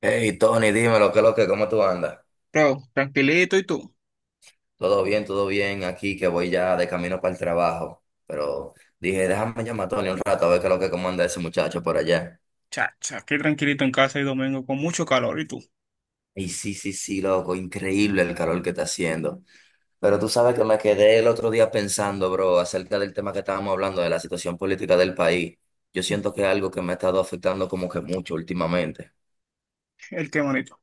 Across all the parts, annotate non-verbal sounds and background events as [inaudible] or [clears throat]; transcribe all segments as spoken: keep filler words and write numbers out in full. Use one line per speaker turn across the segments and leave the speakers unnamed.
Hey Tony, dímelo, ¿qué es lo que, cómo tú andas?
Bro, tranquilito y tú.
Todo bien, todo bien aquí, que voy ya de camino para el trabajo. Pero dije, déjame llamar a Tony un rato a ver qué es lo que, cómo anda ese muchacho por allá.
Chacha, qué tranquilito en casa y domingo con mucho calor y tú.
Y sí, sí, sí, loco, increíble el calor que está haciendo. Pero tú sabes que me quedé el otro día pensando, bro, acerca del tema que estábamos hablando, de la situación política del país. Yo
Mm.
siento que es algo que me ha estado afectando como que mucho últimamente.
El qué bonito.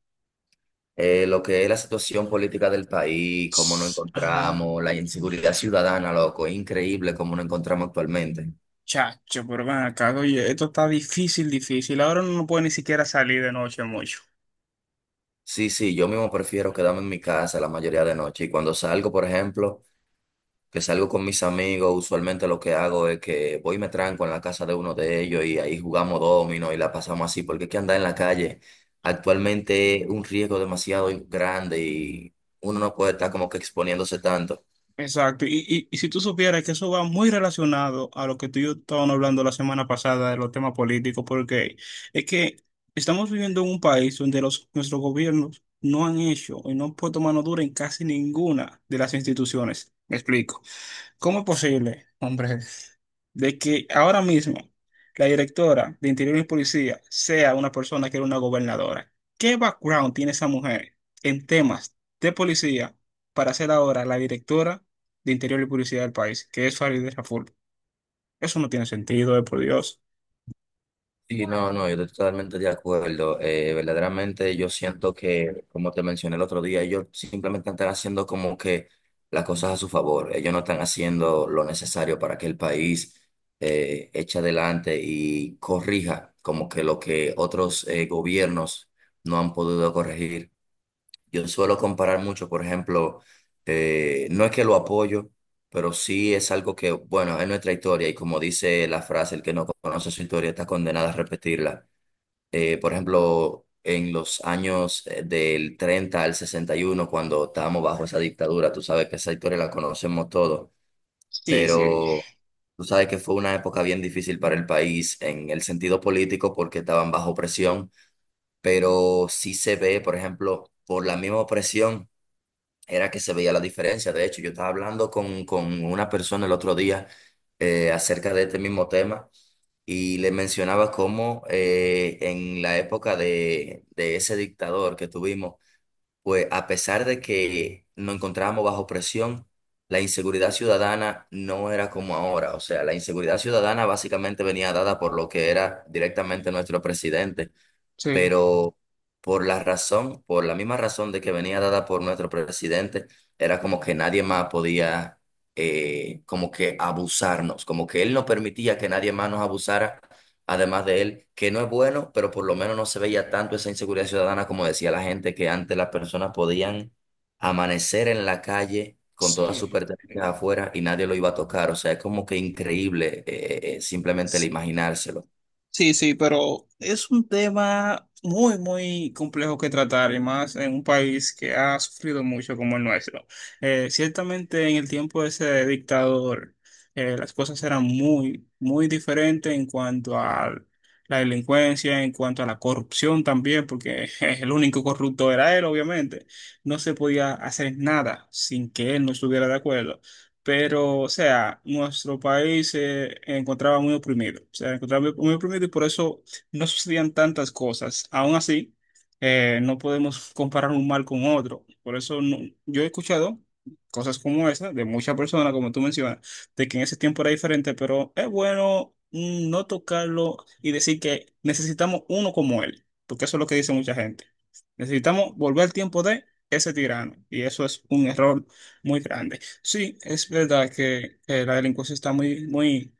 eh, Lo que es la situación política del país, cómo nos
Sss, ah,
encontramos, la inseguridad ciudadana, loco, es increíble cómo nos encontramos actualmente.
chacho, pero ven acá, oye, esto está difícil, difícil. Ahora no puede ni siquiera salir de noche mucho.
Sí, sí, yo mismo prefiero quedarme en mi casa la mayoría de noche y cuando salgo, por ejemplo, que salgo con mis amigos, usualmente lo que hago es que voy y me tranco en la casa de uno de ellos y ahí jugamos domino y la pasamos así, porque es que andar en la calle actualmente es un riesgo demasiado grande y uno no puede estar como que exponiéndose tanto.
Exacto, y, y, y si tú supieras que eso va muy relacionado a lo que tú y yo estábamos hablando la semana pasada de los temas políticos, porque es que estamos viviendo en un país donde los, nuestros gobiernos no han hecho y no han puesto mano dura en casi ninguna de las instituciones. Me explico. ¿Cómo es posible, hombre, de que ahora mismo la directora de Interior y Policía sea una persona que era una gobernadora? ¿Qué background tiene esa mujer en temas de policía para ser ahora la directora de Interior y Policía del país, que es Farideh Raful? Eso no tiene sentido, eh, por Dios.
Sí, no, no, yo estoy totalmente de acuerdo. Eh, verdaderamente yo siento que, como te mencioné el otro día, ellos simplemente están haciendo como que las cosas a su favor. Ellos no están haciendo lo necesario para que el país eh, eche adelante y corrija como que lo que otros eh, gobiernos no han podido corregir. Yo suelo comparar mucho, por ejemplo, eh, no es que lo apoyo, pero sí es algo que, bueno, es nuestra historia y como dice la frase, el que no conoce su historia está condenado a repetirla. Eh, por ejemplo, en los años eh, del treinta al sesenta y uno, cuando estábamos bajo esa dictadura, tú sabes que esa historia la conocemos todos,
Sí, sí,
pero tú sabes que fue una época bien difícil para el país en el sentido político porque estaban bajo presión, pero sí se ve, por ejemplo, por la misma opresión era que se veía la diferencia. De hecho, yo estaba hablando con, con una persona el otro día eh, acerca de este mismo tema y le mencionaba cómo eh, en la época de, de ese dictador que tuvimos, pues a pesar de que nos encontrábamos bajo presión, la inseguridad ciudadana no era como ahora. O sea, la inseguridad ciudadana básicamente venía dada por lo que era directamente nuestro presidente.
sí,
Pero por la razón, por la misma razón de que venía dada por nuestro presidente, era como que nadie más podía eh, como que abusarnos, como que él no permitía que nadie más nos abusara, además de él, que no es bueno, pero por lo menos no se veía tanto esa inseguridad ciudadana como decía la gente, que antes las personas podían amanecer en la calle con todas sus
sí.
pertenencias
eh,
afuera y nadie lo iba a tocar. O sea, es como que increíble, eh, eh, simplemente el imaginárselo.
Sí, sí, pero es un tema muy, muy complejo que tratar y más en un país que ha sufrido mucho como el nuestro. Eh, ciertamente en el tiempo de ese dictador eh, las cosas eran muy, muy diferentes en cuanto a la delincuencia, en cuanto a la corrupción también, porque [laughs] el único corrupto era él, obviamente. No se podía hacer nada sin que él no estuviera de acuerdo, pero, o sea, nuestro país se encontraba muy oprimido, o sea, encontraba muy, muy oprimido y por eso no sucedían tantas cosas. Aún así, eh, no podemos comparar un mal con otro. Por eso no- yo he escuchado cosas como esa de muchas personas, como tú mencionas, de que en ese tiempo era diferente, pero es bueno mm, no tocarlo y decir que necesitamos uno como él, porque eso es lo que dice mucha gente. Necesitamos volver al tiempo de ese tirano y eso es un error muy grande. Sí, es verdad que, que la delincuencia está muy, muy,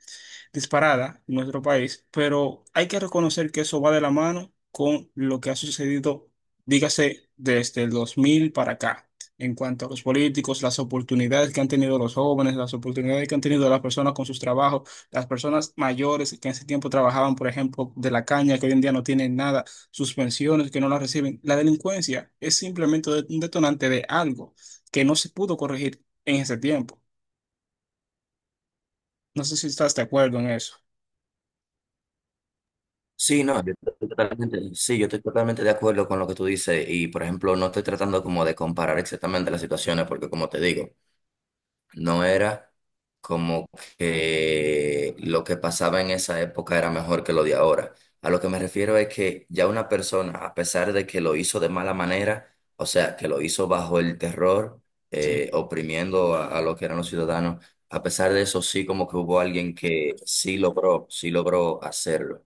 disparada en nuestro país, pero hay que reconocer que eso va de la mano con lo que ha sucedido, dígase, desde el dos mil para acá, en cuanto a los políticos, las oportunidades que han tenido los jóvenes, las oportunidades que han tenido las personas con sus trabajos, las personas mayores que en ese tiempo trabajaban, por ejemplo, de la caña, que hoy en día no tienen nada, sus pensiones que no las reciben. La delincuencia es simplemente de- un detonante de algo que no se pudo corregir en ese tiempo. No sé si estás de acuerdo en eso.
Sí, no, yo estoy totalmente, sí, yo estoy totalmente de acuerdo con lo que tú dices y, por ejemplo, no estoy tratando como de comparar exactamente las situaciones porque, como te digo, no era como que lo que pasaba en esa época era mejor que lo de ahora. A lo que me refiero es que ya una persona, a pesar de que lo hizo de mala manera, o sea, que lo hizo bajo el terror, eh, oprimiendo a, a lo que eran los ciudadanos, a pesar de eso sí como que hubo alguien que sí logró, sí logró hacerlo.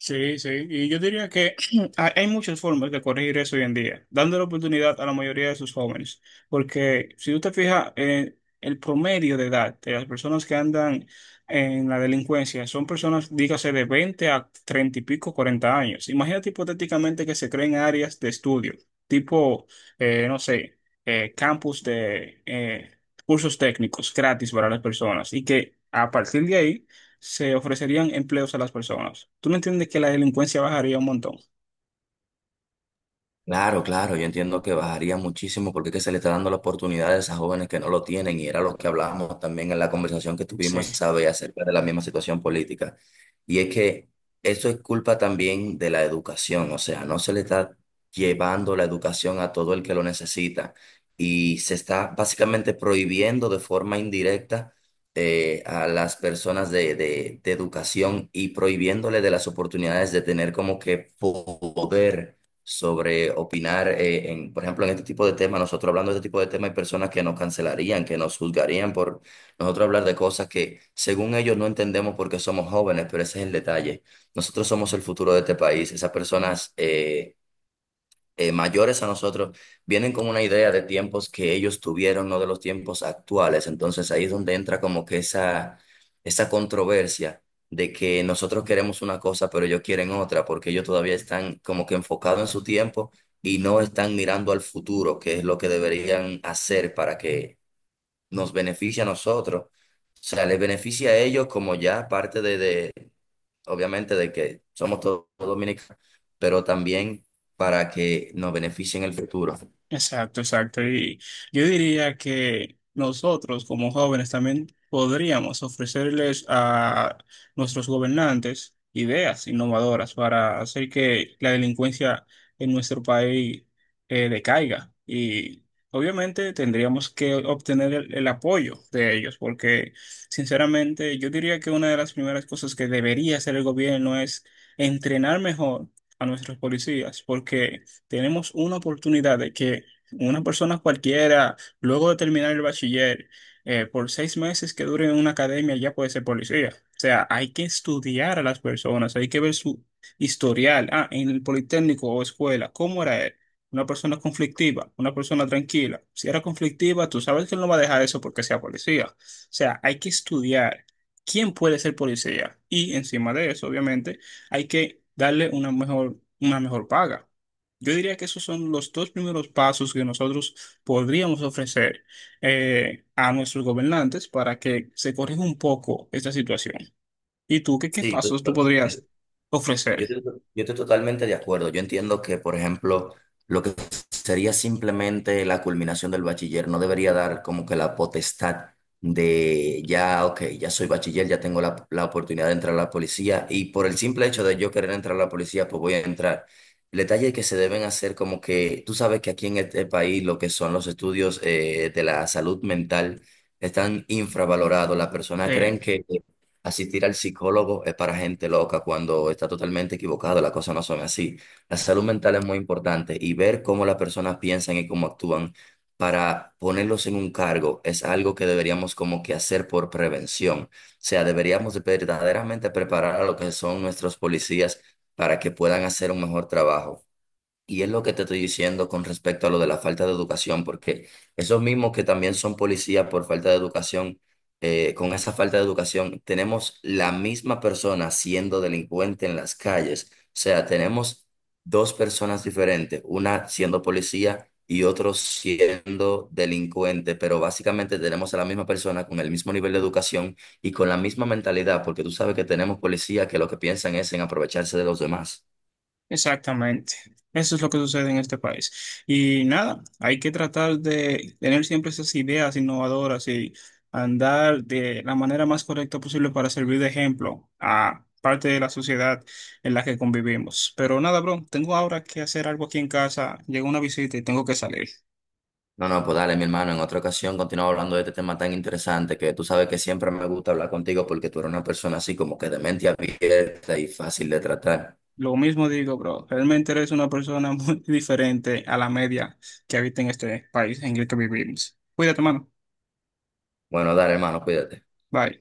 Sí, sí, y yo diría que [clears throat] hay hay muchas formas de corregir eso hoy en día, dando la oportunidad a la mayoría de sus jóvenes, porque si tú te fijas, eh, el promedio de edad de las personas que andan en la delincuencia son personas, dígase, de veinte a treinta y pico, cuarenta años. Imagínate hipotéticamente que se creen áreas de estudio, tipo, eh, no sé, eh, campus de eh, cursos técnicos gratis para las personas y que... A partir de ahí se ofrecerían empleos a las personas. ¿Tú no entiendes que la delincuencia bajaría un montón?
Claro, claro, yo entiendo que bajaría muchísimo porque es que se le está dando la oportunidad a esas jóvenes que no lo tienen y era lo que hablábamos también en la conversación que tuvimos
Sí.
esa vez acerca de la misma situación política. Y es que eso es culpa también de la educación, o sea, no se le está llevando la educación a todo el que lo necesita y se está básicamente prohibiendo de forma indirecta eh, a las personas de, de de educación y prohibiéndole de las oportunidades de tener como que poder sobre opinar, eh, en, por ejemplo, en este tipo de temas. Nosotros hablando de este tipo de temas hay personas que nos cancelarían, que nos juzgarían por nosotros hablar de cosas que según ellos no entendemos porque somos jóvenes, pero ese es el detalle. Nosotros somos el futuro de este país. Esas personas, eh, eh, mayores a nosotros, vienen con una idea de tiempos que ellos tuvieron, no de los tiempos actuales. Entonces ahí es donde entra como que esa, esa controversia de que nosotros queremos una cosa, pero ellos quieren otra, porque ellos todavía están como que enfocados en su tiempo y no están mirando al futuro, que es lo que deberían hacer para que nos beneficie a nosotros. O sea, les beneficia a ellos como ya parte de de, obviamente, de que somos todos dominicanos, pero también para que nos beneficien en el futuro.
Exacto, exacto. Y yo diría que nosotros como jóvenes también podríamos ofrecerles a nuestros gobernantes ideas innovadoras para hacer que la delincuencia en nuestro país eh, decaiga. Y obviamente tendríamos que obtener el, el apoyo de ellos, porque sinceramente yo diría que una de las primeras cosas que debería hacer el gobierno es entrenar mejor a nuestros policías, porque... Tenemos una oportunidad de que una persona cualquiera, luego de terminar el bachiller, eh, por seis meses que dure en una academia, ya puede ser policía. O sea, hay que estudiar a las personas, hay que ver su historial. Ah, en el politécnico o escuela, ¿cómo era él? Una persona conflictiva, una persona tranquila. Si era conflictiva, tú sabes que él no va a dejar eso porque sea policía. O sea, hay que estudiar quién puede ser policía. Y encima de eso, obviamente, hay que darle una mejor, una mejor paga. Yo diría que esos son los dos primeros pasos que nosotros podríamos ofrecer eh, a nuestros gobernantes para que se corrija un poco esta situación. ¿Y tú qué, qué,
Sí.
pasos tú podrías
Yo,
ofrecer?
estoy yo estoy totalmente de acuerdo. Yo entiendo que, por ejemplo, lo que sería simplemente la culminación del bachiller no debería dar como que la potestad de ya, ok, ya soy bachiller, ya tengo la, la oportunidad de entrar a la policía y por el simple hecho de yo querer entrar a la policía, pues voy a entrar. El detalle es que se deben hacer como que, tú sabes que aquí en este país lo que son los estudios eh, de la salud mental están infravalorados. Las personas
Eh,
creen que asistir al psicólogo es para gente loca cuando está totalmente equivocado, las cosas no son así. La salud mental es muy importante y ver cómo las personas piensan y cómo actúan para ponerlos en un cargo es algo que deberíamos como que hacer por prevención. O sea, deberíamos de verdaderamente preparar a lo que son nuestros policías para que puedan hacer un mejor trabajo. Y es lo que te estoy diciendo con respecto a lo de la falta de educación, porque esos mismos que también son policías por falta de educación, eh, con esa falta de educación, tenemos la misma persona siendo delincuente en las calles. O sea, tenemos dos personas diferentes, una siendo policía y otro siendo delincuente, pero básicamente tenemos a la misma persona con el mismo nivel de educación y con la misma mentalidad, porque tú sabes que tenemos policías que lo que piensan es en aprovecharse de los demás.
Exactamente. Eso es lo que sucede en este país. Y nada, hay que tratar de tener siempre esas ideas innovadoras y andar de la manera más correcta posible para servir de ejemplo a parte de la sociedad en la que convivimos. Pero nada, bro, tengo ahora que hacer algo aquí en casa. Llegó una visita y tengo que salir.
No, no, pues dale, mi hermano, en otra ocasión continuamos hablando de este tema tan interesante que tú sabes que siempre me gusta hablar contigo porque tú eres una persona así como que de mente abierta y fácil de tratar.
Lo mismo digo, bro, realmente eres una persona muy [laughs] diferente a la media que habita en este país en el que vivimos. Cuídate, mano.
Bueno, dale, hermano, cuídate.
Bye.